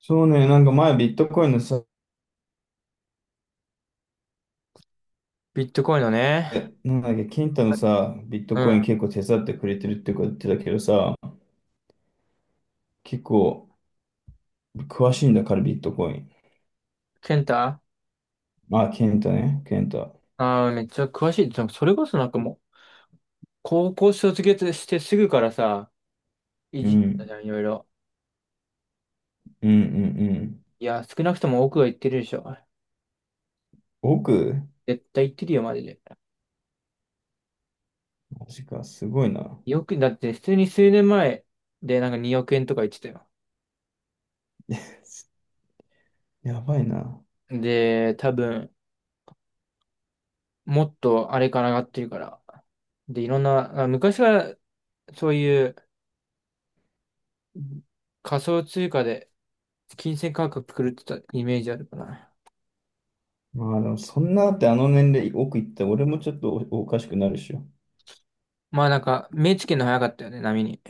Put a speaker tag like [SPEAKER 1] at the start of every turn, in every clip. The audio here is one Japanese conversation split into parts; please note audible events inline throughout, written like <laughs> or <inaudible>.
[SPEAKER 1] そうね、なんか前ビットコインのさ、
[SPEAKER 2] ビットコインのね。
[SPEAKER 1] なんだっけ、ケンタのさ、ビット
[SPEAKER 2] う
[SPEAKER 1] コイン
[SPEAKER 2] ん。
[SPEAKER 1] 結構手伝ってくれてるってこと言ってたけどさ、結構詳しいんだからビットコイン。
[SPEAKER 2] ケンタ。
[SPEAKER 1] まあ、ケンタね、ケンタ。
[SPEAKER 2] めっちゃ詳しい。でもそれこそなんかもう、高校卒業してすぐからさ、い
[SPEAKER 1] う
[SPEAKER 2] じった
[SPEAKER 1] ん、
[SPEAKER 2] じゃん、いろいろ。
[SPEAKER 1] うん、うん、うん。
[SPEAKER 2] いや、少なくとも奥は言ってるでしょ。
[SPEAKER 1] 億。
[SPEAKER 2] 絶対言ってるよ、マジで。
[SPEAKER 1] マジか、すごいな。
[SPEAKER 2] よく、だって普通に数年前でなんか2億円とか言ってたよ。
[SPEAKER 1] <laughs> やばいな。
[SPEAKER 2] で、多分、もっとあれから上がってるから。で、いろんな、昔からそういう仮想通貨で金銭価格狂ってたイメージあるかな。
[SPEAKER 1] まあでもそんなだってあの年齢億いったら俺もちょっとおかしくなるでしょ。
[SPEAKER 2] まあなんか、目つけるの早かったよね、波に。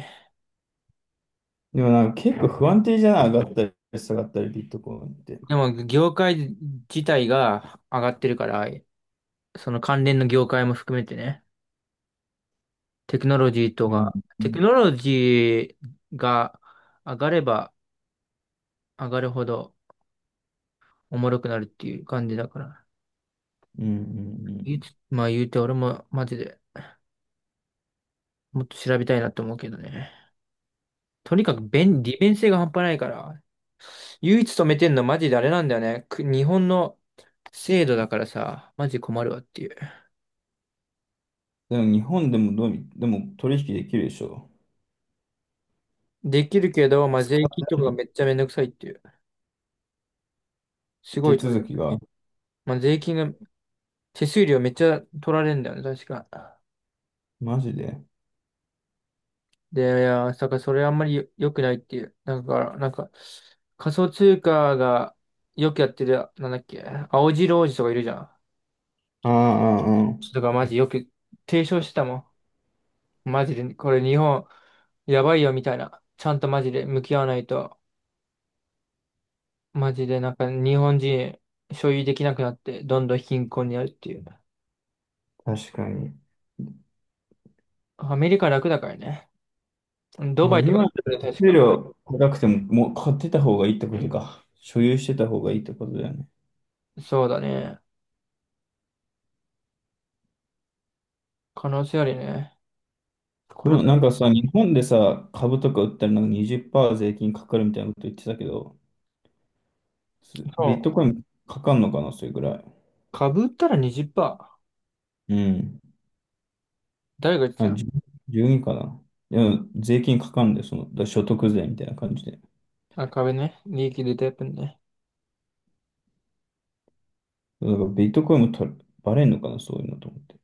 [SPEAKER 1] でもなんか結構不安定じゃない？上がったり下がったりビットコインって。
[SPEAKER 2] でも、業界自体が上がってるから、その関連の業界も含めてね、テクノロジーと
[SPEAKER 1] うん、
[SPEAKER 2] か、
[SPEAKER 1] う
[SPEAKER 2] テク
[SPEAKER 1] ん、
[SPEAKER 2] ノロジーが上がれば上がるほどおもろくなるっていう感じだから。
[SPEAKER 1] うん、う
[SPEAKER 2] 言
[SPEAKER 1] ん。
[SPEAKER 2] うつまあ言うて俺もマジでもっと調べたいなと思うけどね。とにかく利便性が半端ないから、唯一止めてんのマジであれなんだよね。日本の制度だからさ、マジ困るわっていう。
[SPEAKER 1] でも日本でもどうみでも取引できるでしょ。
[SPEAKER 2] できるけど、まあ税金
[SPEAKER 1] 使
[SPEAKER 2] とかがめっちゃめんどくさいっていう。す
[SPEAKER 1] う
[SPEAKER 2] ご
[SPEAKER 1] 手
[SPEAKER 2] いと
[SPEAKER 1] 続きが、
[SPEAKER 2] まあ、税金が、手数料めっちゃ取られるんだよね、確か。
[SPEAKER 1] マジで。
[SPEAKER 2] で、いや、だからそれあんまり良くないっていう。なんか、仮想通貨がよくやってる、なんだっけ、青白王子とかいるじゃん。
[SPEAKER 1] ああ、ああ、あ
[SPEAKER 2] ちょっとマジよく提唱してたもん。マジで、これ日本、やばいよみたいな。ちゃんとマジで向き合わないと、マジでなんか日本人所有できなくなって、どんどん貧困になるっていう。
[SPEAKER 1] あ、確かに。
[SPEAKER 2] アメリカ楽だからね。ド
[SPEAKER 1] ま
[SPEAKER 2] バ
[SPEAKER 1] あ、
[SPEAKER 2] イと
[SPEAKER 1] 今、
[SPEAKER 2] か、確
[SPEAKER 1] 手
[SPEAKER 2] か。
[SPEAKER 1] 料高くても、もう買ってた方がいいってことか。所有してた方がいいってことだよね。
[SPEAKER 2] そうだね。可能性あるね。
[SPEAKER 1] で
[SPEAKER 2] これが、
[SPEAKER 1] もなんかさ、日本でさ、株とか売ったらなんか20%税金かかるみたいなこと言ってたけど、
[SPEAKER 2] そ
[SPEAKER 1] ビット
[SPEAKER 2] う。
[SPEAKER 1] コインかかんのかな、それぐらい。
[SPEAKER 2] 株売ったら20%。
[SPEAKER 1] うん。
[SPEAKER 2] 誰が言って
[SPEAKER 1] あ、
[SPEAKER 2] た？
[SPEAKER 1] 10 12かな。いや、税金かかんで、その、所得税みたいな感じで。
[SPEAKER 2] 株ね。利益出たやつね。
[SPEAKER 1] なんかビットコインもとバレんのかな、そういうのと思って。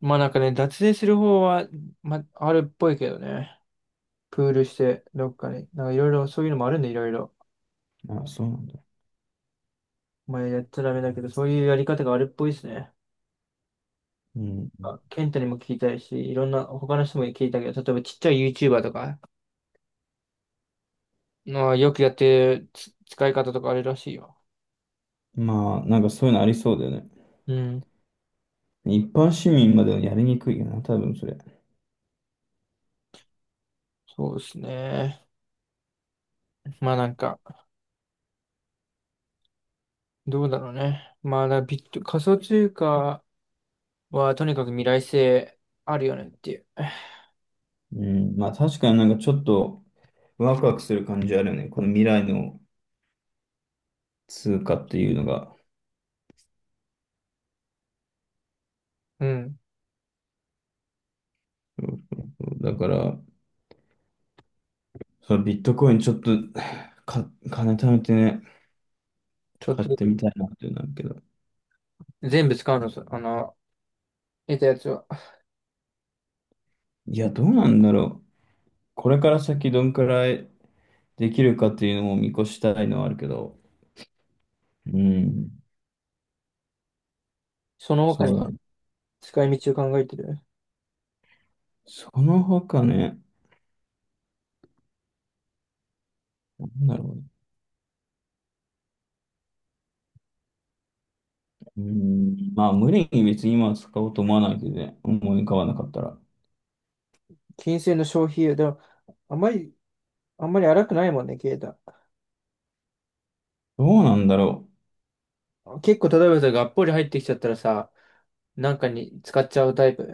[SPEAKER 2] まあなんかね、脱税する方は、まあ、あるっぽいけどね。プールして、どっかに。なんかいろいろ、そういうのもあるんで、いろいろ。
[SPEAKER 1] あ、そうなんだ。
[SPEAKER 2] まあやっちゃダメだけど、そういうやり方があるっぽいですね。
[SPEAKER 1] うん。
[SPEAKER 2] ケンタにも聞いたいし、いろんな、他の人も聞いたけど、例えばちっちゃい YouTuber とか、まあ、よくやってる使い方とかあるらしいよ。
[SPEAKER 1] まあ、なんかそういうのありそうだよね。
[SPEAKER 2] うん。
[SPEAKER 1] 一般市民まではやりにくいよな、多分それ。
[SPEAKER 2] そうですね。まあなんか、どうだろうね。まあだビット、仮想通貨、は、とにかく未来性あるよねっていう。
[SPEAKER 1] うん。まあ確かになんかちょっとワクワクする感じあるよね。この未来の通貨っていうのが。
[SPEAKER 2] うん。
[SPEAKER 1] そうそうそうだから、そのビットコインちょっとか、金貯めてね、
[SPEAKER 2] ちょっ
[SPEAKER 1] 買っ
[SPEAKER 2] と、
[SPEAKER 1] てみたいなってなるけど。
[SPEAKER 2] 全部使うのさ、得たやつは。
[SPEAKER 1] いや、どうなんだろう。これから先どんくらいできるかっていうのも見越したいのはあるけど。うん。
[SPEAKER 2] その他
[SPEAKER 1] そう
[SPEAKER 2] に
[SPEAKER 1] だね。
[SPEAKER 2] 使い道を考えてる。
[SPEAKER 1] その他ね、なんだろうね、うーまあ、無理に別に今は使おうと思わないけどね、思い浮かばなかったら。
[SPEAKER 2] 金銭の消費でも、あんまり、あんまり、荒くないもんね、ケイタ。
[SPEAKER 1] どうなんだろ
[SPEAKER 2] 結構、例えばさ、がっぽり入ってきちゃったらさ、なんかに使っちゃうタイプ。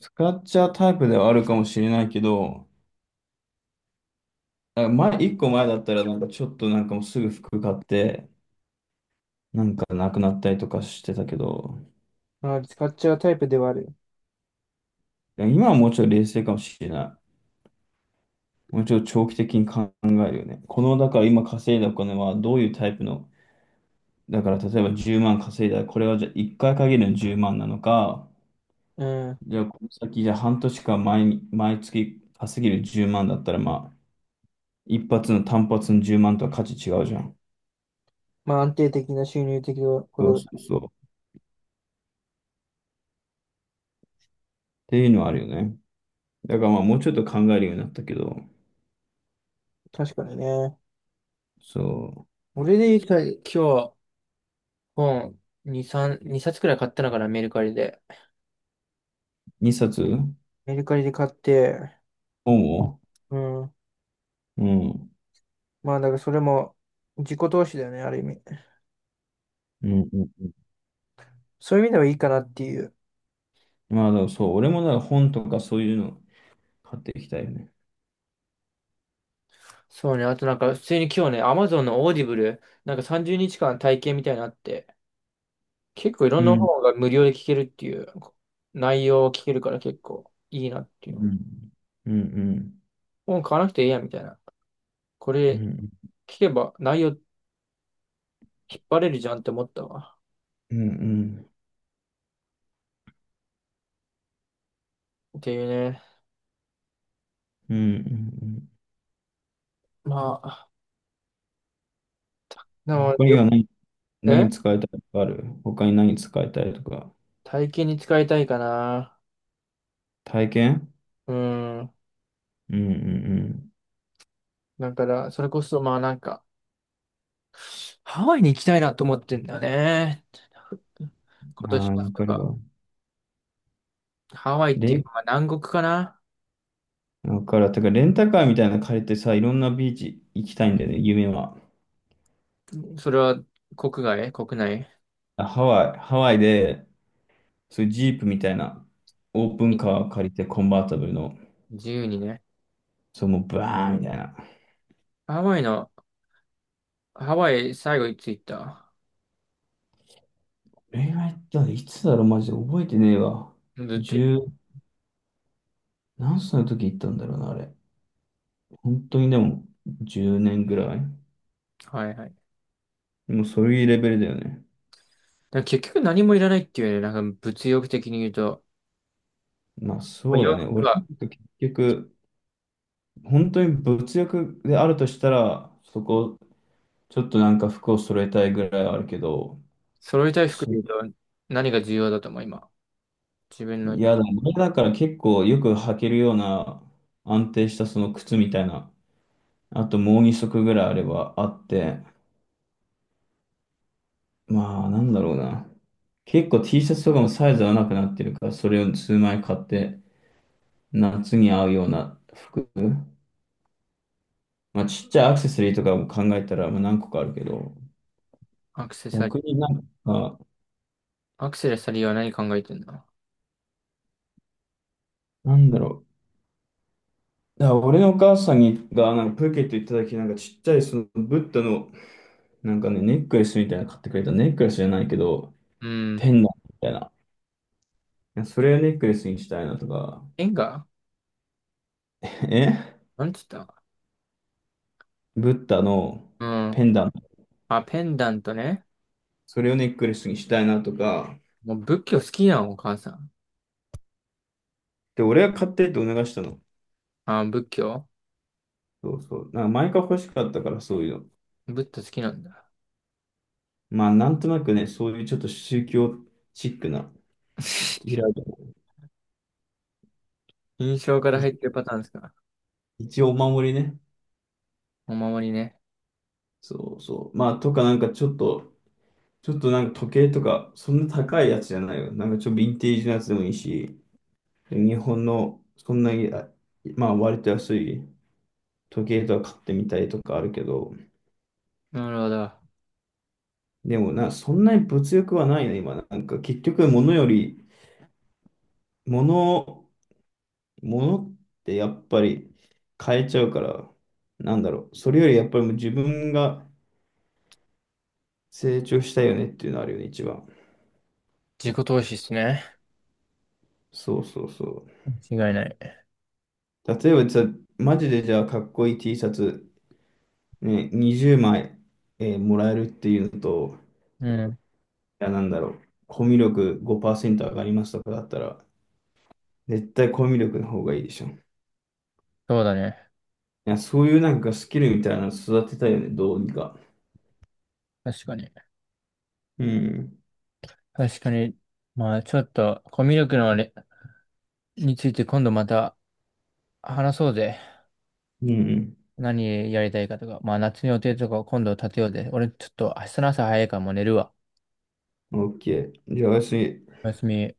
[SPEAKER 1] う。使っちゃうタイプではあるかもしれないけど、あ、前、一個前だったら、なんかちょっとなんかもうすぐ服買って、なんかなくなったりとかしてたけど、
[SPEAKER 2] あ、使っちゃうタイプではある。
[SPEAKER 1] 今はもうちょい冷静かもしれない。もうちょい長期的に考えるよね。この、だから今稼いだお金はどういうタイプの、だから例えば10万稼いだら、これはじゃあ1回限りの10万なのか、
[SPEAKER 2] うん。
[SPEAKER 1] じゃあ、この先、じゃあ半年間毎、毎月稼げる10万だったら、まあ、一発の単発の10万とは価値違うじゃん。
[SPEAKER 2] まあ、安定的な収入的なこ
[SPEAKER 1] そうそうそう。っていうのはあるよね。だからまあ、もうちょっと考えるようになったけど、
[SPEAKER 2] と、確かにね。
[SPEAKER 1] そ
[SPEAKER 2] 俺で言ったら、今日、本、2、3、2冊くらい買ったのかな、メルカリで。
[SPEAKER 1] う、2冊
[SPEAKER 2] メルカリで買って、
[SPEAKER 1] 本を、
[SPEAKER 2] うん。
[SPEAKER 1] うん、うん、
[SPEAKER 2] まあ、だからそれも自己投資だよね、ある意味。
[SPEAKER 1] うん。うん。
[SPEAKER 2] そういう意味ではいいかなっていう。
[SPEAKER 1] まあ、でもそう、俺もだから本とかそういうの買っていきたいよね。
[SPEAKER 2] そうね。あとなんか、普通に今日ね、Amazon のオーディブル、なんか30日間体験みたいなのあって、結構いろ
[SPEAKER 1] う
[SPEAKER 2] んな
[SPEAKER 1] ん、
[SPEAKER 2] 本が無料で聞けるっていう、内容を聞けるから結構いいなってい
[SPEAKER 1] う
[SPEAKER 2] うの。
[SPEAKER 1] ん、うん、うん、
[SPEAKER 2] 本買わなくていいやみたいな。こ
[SPEAKER 1] う
[SPEAKER 2] れ
[SPEAKER 1] ん、
[SPEAKER 2] 聞けば内容引っ張れるじゃんって思ったわ。
[SPEAKER 1] うん、うん、
[SPEAKER 2] っていうね。
[SPEAKER 1] うん。うん。
[SPEAKER 2] まあ、でも、
[SPEAKER 1] 他には何、
[SPEAKER 2] え
[SPEAKER 1] 何使いたいとかある？他に何使いたいとか。
[SPEAKER 2] 体験に使いたいかな。
[SPEAKER 1] 体験。
[SPEAKER 2] うん。
[SPEAKER 1] うん、うん、
[SPEAKER 2] だから、それこそまあなんか、ハワイに行きたいなと思ってんだよね。
[SPEAKER 1] う
[SPEAKER 2] 今
[SPEAKER 1] ん。
[SPEAKER 2] 年
[SPEAKER 1] あ
[SPEAKER 2] 末
[SPEAKER 1] あ、わ
[SPEAKER 2] と
[SPEAKER 1] かる
[SPEAKER 2] か。
[SPEAKER 1] わ。
[SPEAKER 2] ハワイって
[SPEAKER 1] レ
[SPEAKER 2] いう
[SPEAKER 1] ン、
[SPEAKER 2] か、まあ南国かな。
[SPEAKER 1] わかるわ。てか、レンタカーみたいなの借りてさ、いろんなビーチ行きたいんだよね、夢は。
[SPEAKER 2] それは国外国内？
[SPEAKER 1] あ、ハワイ、ハワイで、そういうジープみたいな、オープン
[SPEAKER 2] え
[SPEAKER 1] カーを借りて、コンバータブルの、
[SPEAKER 2] 自由にね。
[SPEAKER 1] そう、もうバーンみたいな。
[SPEAKER 2] ハワイの、ハワイ最後いつ行った？
[SPEAKER 1] 恋愛っていつだろう、マジで覚えてねえわ。
[SPEAKER 2] ずっと行
[SPEAKER 1] 十、
[SPEAKER 2] っ
[SPEAKER 1] 何歳の時行ったんだろうな、あれ。本当にでも、10年ぐらい。
[SPEAKER 2] た。はいはい。だか
[SPEAKER 1] でもそういうレベルだよね。
[SPEAKER 2] ら結局何もいらないっていうね、なんか物欲的に言うと、
[SPEAKER 1] まあ
[SPEAKER 2] まあ、
[SPEAKER 1] そう
[SPEAKER 2] 洋
[SPEAKER 1] だね。
[SPEAKER 2] 服
[SPEAKER 1] 俺の
[SPEAKER 2] が、
[SPEAKER 1] 時結局、本当に物欲であるとしたら、そこ、ちょっとなんか服を揃えたいぐらいはあるけど、
[SPEAKER 2] 揃いたい服で
[SPEAKER 1] そ、
[SPEAKER 2] 言うと何が重要だと思う、今。自分の。
[SPEAKER 1] 嫌だ。だから結構よく履けるような安定したその靴みたいな、あともう2足ぐらいあればあって、まあなんだろうな。結構 T シャツとかもサイズ合わなくなってるから、それを数枚買って、夏に合うような服。まあちっちゃいアクセサリーとかも考えたら、まあ何個かあるけど、
[SPEAKER 2] アクセサリ
[SPEAKER 1] 逆
[SPEAKER 2] ー、
[SPEAKER 1] になんか、
[SPEAKER 2] アクセサリーは何考えてんの？
[SPEAKER 1] なんだろう。だから俺のお母さんにがなんかプーケット行った時なんかちっちゃいそのブッダのなんかねネックレスみたいなの買ってくれた、ネックレスじゃないけど
[SPEAKER 2] うん。
[SPEAKER 1] ペンダントみたいな。いや、それをネックレスにしたいなとか、
[SPEAKER 2] ペンが
[SPEAKER 1] <laughs> え
[SPEAKER 2] なんつった？
[SPEAKER 1] ブッダの
[SPEAKER 2] うん。
[SPEAKER 1] ペンダント、
[SPEAKER 2] まあ、ペンダントね。
[SPEAKER 1] それをネックレスにしたいなとか、
[SPEAKER 2] もう仏教好きなのお母さん。
[SPEAKER 1] で、俺が買ってって促したの。
[SPEAKER 2] 仏教。
[SPEAKER 1] そうそう。なんか前から欲しかったからそういうの。
[SPEAKER 2] 仏教好きなんだ。
[SPEAKER 1] まあなんとなくね、そういうちょっと宗教チックな、イラ
[SPEAKER 2] <laughs> 印象から入っ
[SPEAKER 1] い
[SPEAKER 2] てるパターンですか。
[SPEAKER 1] 一応お守りね。
[SPEAKER 2] お守りね。
[SPEAKER 1] そうそう。まあとかなんかちょっとなんか時計とか、そんな高いやつじゃないよ。なんかちょっとヴィンテージのやつでもいいし、日本のそんなに、まあ割と安い時計とか買ってみたいとかあるけど、
[SPEAKER 2] なるほど。
[SPEAKER 1] でもな、そんなに物欲はないね、今。なんか結局物より、物、物ってやっぱり変えちゃうから、なんだろう。それよりやっぱりもう自分が成長したいよねっていうのあるよね、一番。
[SPEAKER 2] 自己投資っすね。
[SPEAKER 1] そうそうそう。
[SPEAKER 2] 間違いない。
[SPEAKER 1] 例えばじゃあマジでじゃあかっこいい T シャツね、20枚、もらえるっていうのと、
[SPEAKER 2] うん。
[SPEAKER 1] いや、なんだろう、コミュ力5%上がりますとかだったら、絶対コミュ力の方がいいでしょ。い
[SPEAKER 2] そうだね。
[SPEAKER 1] や、そういうなんかスキルみたいなの育てたいよね、どうにか。
[SPEAKER 2] 確かに。
[SPEAKER 1] うん。
[SPEAKER 2] 確かに。まあ、ちょっと、コミュ力のあれについて今度また話そうぜ。
[SPEAKER 1] うん。
[SPEAKER 2] 何やりたいかとか。まあ、夏の予定とかを今度立てようぜ。俺ちょっと明日の朝早いからもう寝るわ。
[SPEAKER 1] OK。じゃあ、私、
[SPEAKER 2] おやすみ。